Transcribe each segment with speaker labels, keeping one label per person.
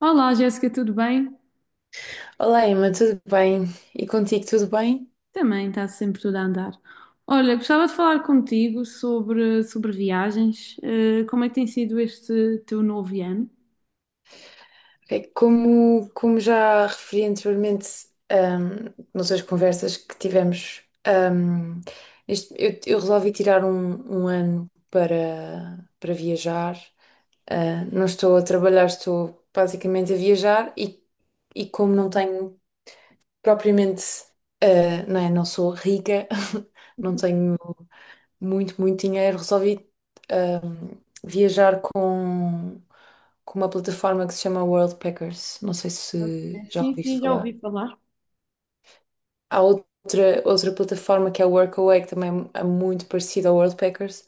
Speaker 1: Olá, Jéssica, tudo bem?
Speaker 2: Olá, Emma, tudo bem? E contigo, tudo bem?
Speaker 1: Também está sempre tudo a andar. Olha, gostava de falar contigo sobre viagens. Como é que tem sido este teu novo ano?
Speaker 2: É, Como já referi anteriormente, ahm, nas outras conversas que tivemos, eu resolvi tirar um ano para viajar. Ah, não estou a trabalhar, estou basicamente a viajar e como não tenho propriamente, não é, não sou rica, não tenho muito, muito dinheiro. Resolvi ahm, viajar com uma plataforma que se chama Worldpackers. Não sei se já
Speaker 1: Sim,
Speaker 2: ouviste
Speaker 1: sim, já
Speaker 2: falar.
Speaker 1: ouvi falar.
Speaker 2: Há outra plataforma que é a Workaway, que também é muito parecida ao Worldpackers,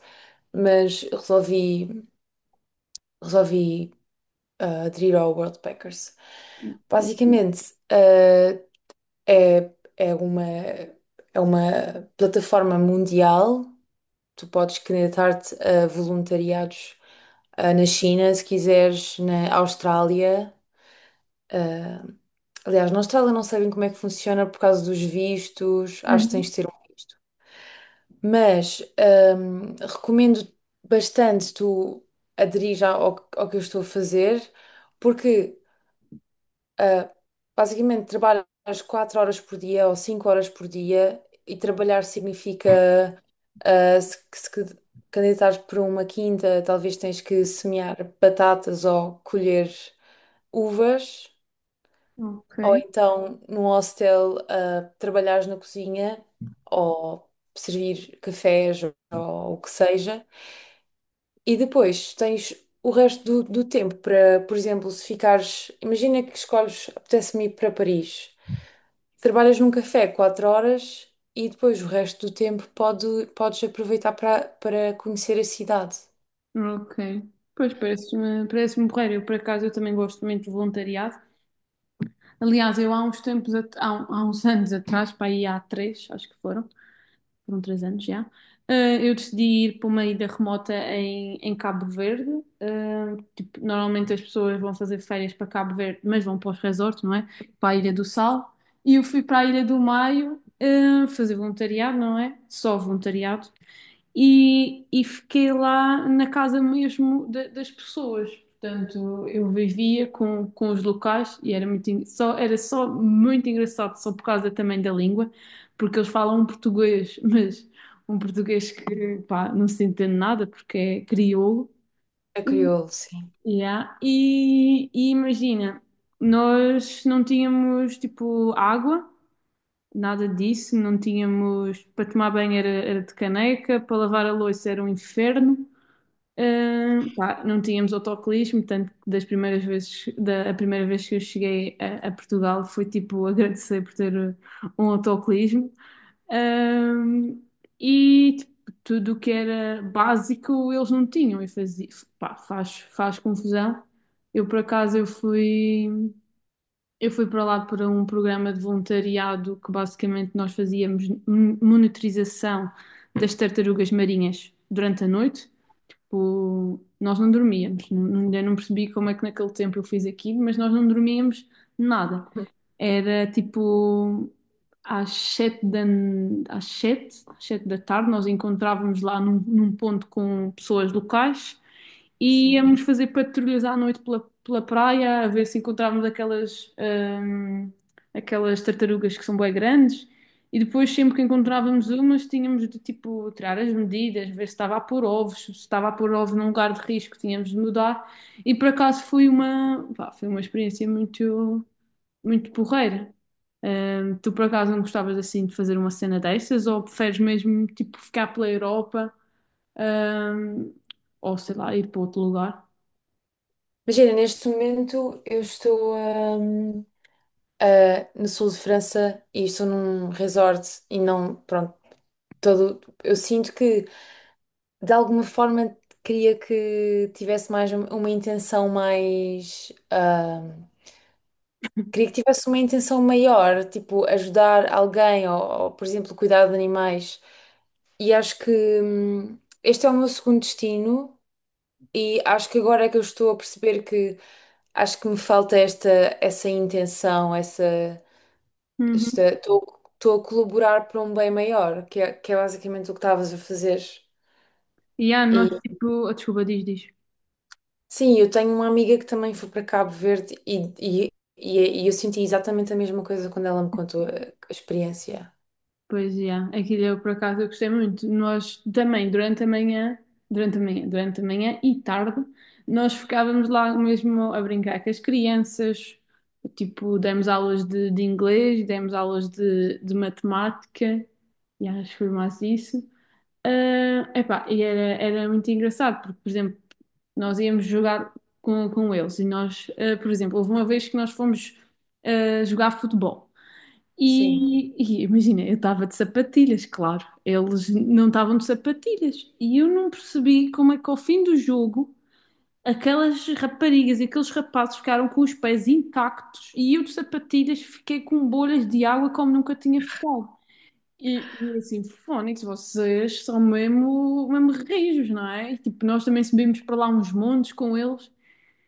Speaker 2: mas resolvi aderir ao Worldpackers. Basicamente, é, é uma, é uma plataforma mundial. Tu podes candidatar-te a voluntariados na China, se quiseres, na Austrália. ah, Aliás, na Austrália não sabem como é que funciona por causa dos vistos, acho que tens
Speaker 1: Uhum.
Speaker 2: de ter um visto. Mas recomendo bastante tu aderir ao que eu estou a fazer, porque ah, basicamente, trabalhas 4 horas por dia ou 5 horas por dia, e trabalhar significa se candidatares para uma quinta, talvez tens que semear batatas ou colher uvas,
Speaker 1: Ok.
Speaker 2: ou então num hostel trabalhares na cozinha ou servir cafés ou o que seja. E depois tens o resto do tempo para, por exemplo, se ficares. Imagina que escolhes, apetece-me ir para Paris. Trabalhas num café 4 horas e depois o resto do tempo podes aproveitar para conhecer a cidade.
Speaker 1: Ok. Pois parece-me porreiro. Eu, por acaso, eu também gosto muito de voluntariado. Aliás, eu há uns tempos, há, há uns anos atrás, para aí há três, acho que foram 3 anos já. Eu decidi ir para uma ilha remota em Cabo Verde. Tipo, normalmente as pessoas vão fazer férias para Cabo Verde, mas vão para os resorts, não é? Para a Ilha do Sal. E eu fui para a Ilha do Maio, fazer voluntariado, não é? Só voluntariado. E fiquei lá na casa mesmo das pessoas. Portanto, eu vivia com os locais e era era só muito engraçado, só por causa também da língua porque eles falam um português, mas um português que, pá, não se entende nada porque é crioulo.
Speaker 2: A
Speaker 1: e
Speaker 2: crioulo, sim.
Speaker 1: Yeah. E imagina, nós não tínhamos tipo água, nada disso, não tínhamos para tomar banho era de caneca, para lavar a louça era um inferno. Pá, não tínhamos autocolismo, tanto que das primeiras vezes, a primeira vez que eu cheguei a Portugal foi tipo agradecer por ter um autocolismo. Ahm, e tipo, tudo o que era básico eles não tinham e faz confusão. Eu por acaso eu fui, Eu fui para lá para um programa de voluntariado que basicamente nós fazíamos monitorização das tartarugas marinhas durante a noite. Tipo, nós não dormíamos. Ainda não percebi como é que naquele tempo eu fiz aquilo, mas nós não dormíamos nada. Era tipo às sete da, às sete da tarde, nós encontrávamos lá num ponto com pessoas locais e
Speaker 2: Sim.
Speaker 1: íamos fazer patrulhas à noite pela praia, a ver se encontrávamos aquelas tartarugas que são bem grandes. E depois, sempre que encontrávamos umas, tínhamos de tipo tirar as medidas, ver se estava a pôr ovos, se estava a pôr ovos num lugar de risco, tínhamos de mudar. E por acaso foi foi uma experiência muito, muito porreira. Tu por acaso não gostavas assim de fazer uma cena dessas ou preferes mesmo tipo ficar pela Europa, ahm, ou sei lá, ir para outro lugar?
Speaker 2: Imagina, neste momento eu estou no sul de França e estou num resort e não, pronto, todo, eu sinto que de alguma forma queria que tivesse mais uma intenção mais, queria que tivesse uma intenção maior, tipo ajudar alguém ou, por exemplo, cuidar de animais. E acho que este é o meu segundo destino e acho que agora é que eu estou a perceber que acho que me falta esta essa intenção, essa esta
Speaker 1: Uhum.
Speaker 2: estou a colaborar para um bem maior, que é basicamente o que estavas a fazer.
Speaker 1: E nós tipo, desculpa, diz, diz.
Speaker 2: Sim, eu tenho uma amiga que também foi para Cabo Verde e eu senti exatamente a mesma coisa quando ela me contou a experiência.
Speaker 1: Pois, já. Aquilo eu, por acaso, eu gostei muito. Nós também, durante a manhã e tarde, nós ficávamos lá mesmo a brincar com as crianças. Tipo, demos aulas de inglês, demos aulas de matemática, e acho que foi mais isso. Epá, e era muito engraçado, porque, por exemplo, nós íamos jogar com eles e nós, por exemplo, houve uma vez que nós fomos jogar futebol.
Speaker 2: Sim,
Speaker 1: E, e imagina, eu estava de sapatilhas, claro. Eles não estavam de sapatilhas. E eu não percebi como é que ao fim do jogo aquelas raparigas e aqueles rapazes ficaram com os pés intactos e eu de sapatilhas fiquei com bolhas de água como nunca tinha ficado. E é assim, fónix, vocês são mesmo, mesmo rijos, não é? E, tipo, nós também subimos para lá uns montes com eles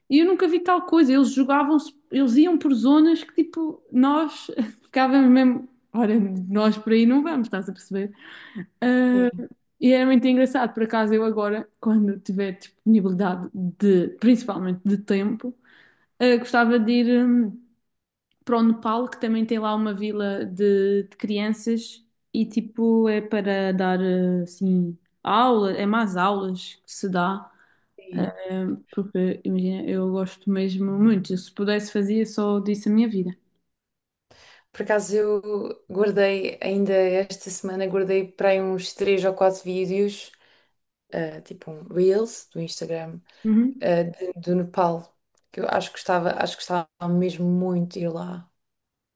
Speaker 1: e eu nunca vi tal coisa. Eles iam por zonas que tipo, nós ficávamos mesmo. Ora, nós por aí não vamos, estás a perceber? Ah,
Speaker 2: sim,
Speaker 1: e era muito engraçado, por acaso eu agora, quando tiver disponibilidade de, principalmente de tempo, gostava de ir para o Nepal, que também tem lá uma vila de crianças e tipo é para dar assim aula, é mais aulas que se dá.
Speaker 2: sim.
Speaker 1: Porque, imagina, eu gosto mesmo muito. Se pudesse fazia só disso a minha vida.
Speaker 2: Por acaso eu guardei, ainda esta semana, guardei para aí uns três ou quatro vídeos, tipo um Reels do Instagram,
Speaker 1: Uhum.
Speaker 2: do Nepal, que eu acho que gostava mesmo muito de ir lá.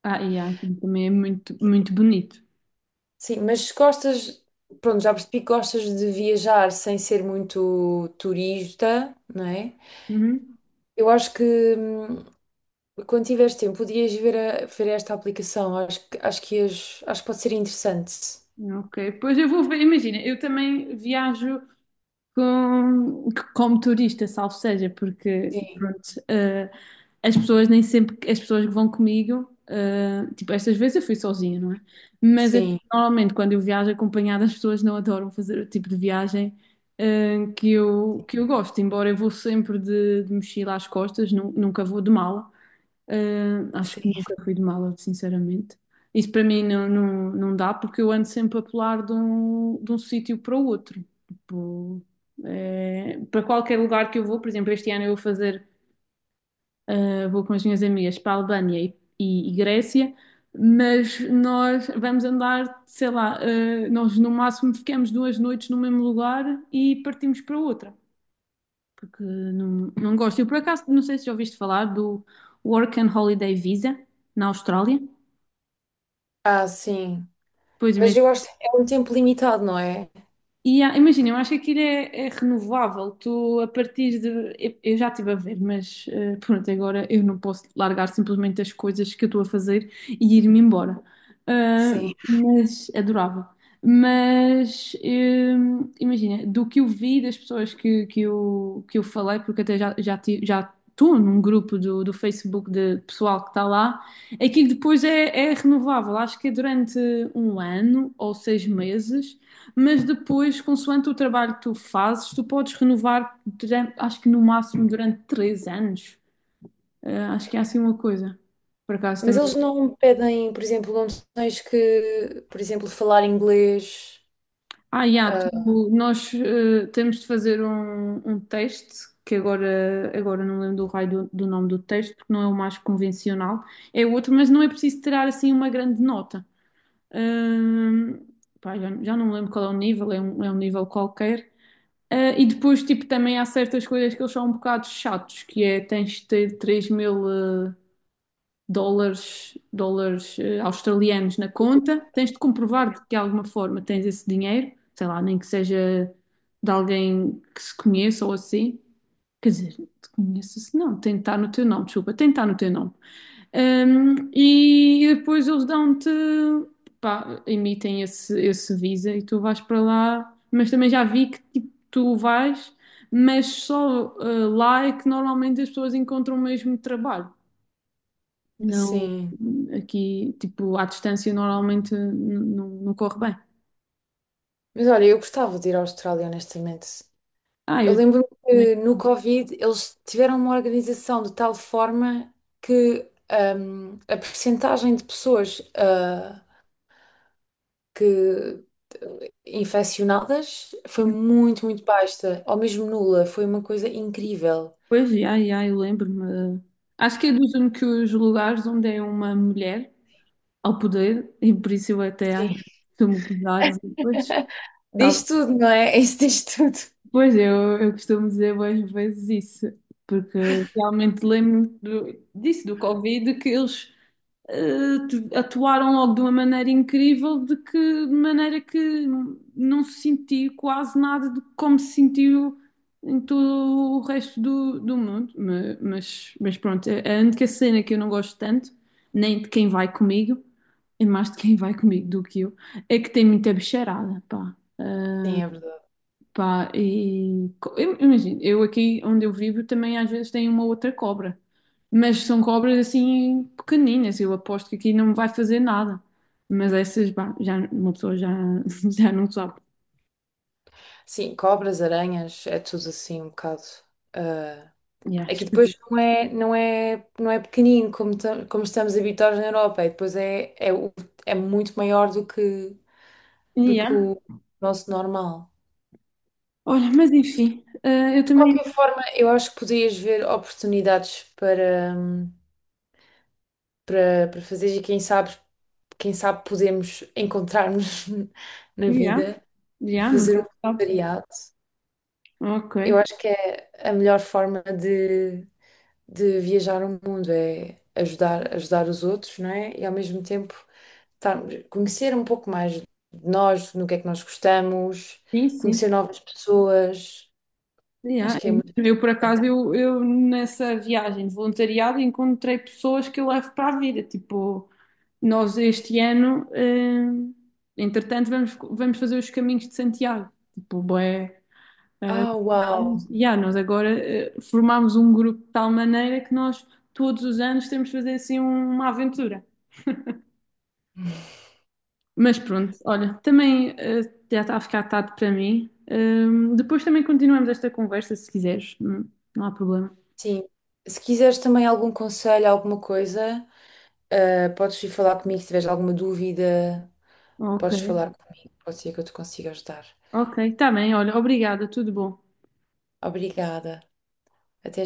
Speaker 1: E há, então, também é muito, muito bonito.
Speaker 2: Sim, mas se gostas, pronto, já percebi que gostas de viajar sem ser muito turista, não é?
Speaker 1: Uhum.
Speaker 2: Eu acho que hum, quando tiveres tempo, podias ver, ver esta aplicação. Acho que pode ser interessante.
Speaker 1: Ok, pois eu vou ver, imagina, eu também viajo, com- como turista, salvo seja, porque
Speaker 2: Sim,
Speaker 1: pronto, eh, as pessoas nem sempre, as pessoas que vão comigo, tipo, estas vezes eu fui sozinha, não é? Mas é que,
Speaker 2: sim,
Speaker 1: normalmente quando eu viajo acompanhada, as pessoas não adoram fazer o tipo de viagem, que eu gosto, embora eu vou sempre de mochila às costas, nunca vou de mala. Acho que
Speaker 2: sim.
Speaker 1: nunca fui de mala, sinceramente. Isso para mim não, não, não dá, porque eu ando sempre a pular de um sítio para o outro. Tipo, para qualquer lugar que eu vou, por exemplo, este ano eu vou fazer, vou com as minhas amigas para a Albânia e Grécia, mas nós vamos andar, sei lá, nós no máximo ficamos 2 noites no mesmo lugar e partimos para outra porque não gosto. Eu por acaso não sei se já ouviste falar do Work and Holiday Visa na Austrália.
Speaker 2: Ah, sim.
Speaker 1: Pois.
Speaker 2: Mas eu acho que é um tempo limitado, não é?
Speaker 1: Imagina, eu acho que aquilo é renovável. Tu, a partir de. Eu já estive a ver, mas pronto, agora eu não posso largar simplesmente as coisas que eu estou a fazer e ir-me embora. Ah,
Speaker 2: Sim.
Speaker 1: mas adorava. Mas imagina, do que eu vi das pessoas que eu falei, porque até já estou num grupo do Facebook de pessoal que está lá, aquilo depois é renovável. Acho que é durante 1 ano ou 6 meses, mas depois, consoante o trabalho que tu fazes, tu podes renovar, acho que no máximo durante 3 anos. Acho que é assim uma coisa. Por acaso
Speaker 2: Mas
Speaker 1: também.
Speaker 2: eles não pedem, por exemplo, não tens que, por exemplo, falar inglês.
Speaker 1: Yeah,
Speaker 2: Ah,
Speaker 1: nós temos de fazer um teste, que agora não lembro do raio do nome do teste, porque não é o mais convencional. É o outro, mas não é preciso tirar assim uma grande nota. Hum, Pá, já não me lembro qual é o nível, é um nível qualquer. E depois, tipo, também há certas coisas que eles são um bocado chatos, que é tens de ter 3.000 dólares, australianos na conta, tens de comprovar de que de alguma forma tens esse dinheiro, sei lá, nem que seja de alguém que se conheça ou assim. Quer dizer, te conheça-se, não, tem de estar no teu nome, desculpa, tem de estar no teu nome. E depois eles dão-te, pá, emitem esse visa e tu vais para lá. Mas também já vi que tipo, tu vais, mas só lá é que normalmente as pessoas encontram o mesmo trabalho. Não,
Speaker 2: sim.
Speaker 1: aqui, tipo, à distância normalmente não corre bem.
Speaker 2: Mas olha, eu gostava de ir à Austrália, honestamente. Eu
Speaker 1: Eu
Speaker 2: lembro
Speaker 1: também.
Speaker 2: que no Covid eles tiveram uma organização de tal forma que a percentagem de pessoas, ah, que infeccionadas foi muito, muito baixa, ou mesmo nula, foi uma coisa incrível.
Speaker 1: Pois, já, eu lembro-me. Acho que é dos únicos lugares onde é uma mulher ao poder, e por isso eu até acho
Speaker 2: Sim.
Speaker 1: que me gozar.
Speaker 2: Diz
Speaker 1: Tal.
Speaker 2: tudo, não é? Isso diz tudo.
Speaker 1: Pois eu costumo dizer várias vezes isso, porque realmente lembro disso, do Covid, que eles atuaram logo de uma maneira incrível, de que de maneira que não se sentiu quase nada de como se sentiu em todo o resto do mundo. Mas pronto, é a única cena que eu não gosto tanto, nem de quem vai comigo, é mais de quem vai comigo do que eu, é que tem muita bicharada, pá.
Speaker 2: Sim, é verdade.
Speaker 1: Pá, e imagina, eu aqui onde eu vivo também às vezes tem uma outra cobra, mas são cobras assim pequeninas, eu aposto que aqui não vai fazer nada. Mas essas, pá, já, uma pessoa já, já não sabe.
Speaker 2: Sim, cobras, aranhas, é tudo assim um bocado. ah,
Speaker 1: Yeah,
Speaker 2: Aqui depois
Speaker 1: esquisito.
Speaker 2: não é pequenino, como, como estamos habituados na Europa, e depois é muito maior do que
Speaker 1: Yeah.
Speaker 2: o nosso normal.
Speaker 1: Olha, mas enfim, eu
Speaker 2: De
Speaker 1: também.
Speaker 2: qualquer forma, eu acho que podias ver oportunidades para fazer, e quem sabe podemos encontrar-nos na
Speaker 1: Yeah,
Speaker 2: vida,
Speaker 1: yeah,
Speaker 2: fazer
Speaker 1: nunca
Speaker 2: um
Speaker 1: se sabe.
Speaker 2: voluntariado.
Speaker 1: Ok,
Speaker 2: Eu acho que é a melhor forma de viajar o mundo, é ajudar, ajudar os outros, não é? E ao mesmo tempo conhecer um pouco mais de nós, no que é que nós gostamos,
Speaker 1: sim, sim.
Speaker 2: conhecer novas pessoas. Acho
Speaker 1: Yeah,
Speaker 2: que
Speaker 1: é
Speaker 2: é
Speaker 1: mesmo.
Speaker 2: muito
Speaker 1: Eu, por
Speaker 2: importante.
Speaker 1: acaso, eu nessa viagem de voluntariado encontrei pessoas que eu levo para a vida. Tipo, nós este ano, entretanto, vamos fazer os caminhos de Santiago. Tipo, bué, eh,
Speaker 2: Ah, uau!
Speaker 1: yeah, nós agora formámos um grupo de tal maneira que nós todos os anos temos de fazer assim uma aventura. Mas pronto, olha, também já está a ficar tarde para mim. Depois também continuamos esta conversa se quiseres, não, não há problema.
Speaker 2: Sim. Se quiseres também algum conselho, alguma coisa, podes ir falar comigo se tiveres alguma dúvida,
Speaker 1: Ok.
Speaker 2: podes falar comigo. Pode ser que eu te consiga ajudar.
Speaker 1: Ok, está bem, olha, obrigada, tudo bom.
Speaker 2: Obrigada. Até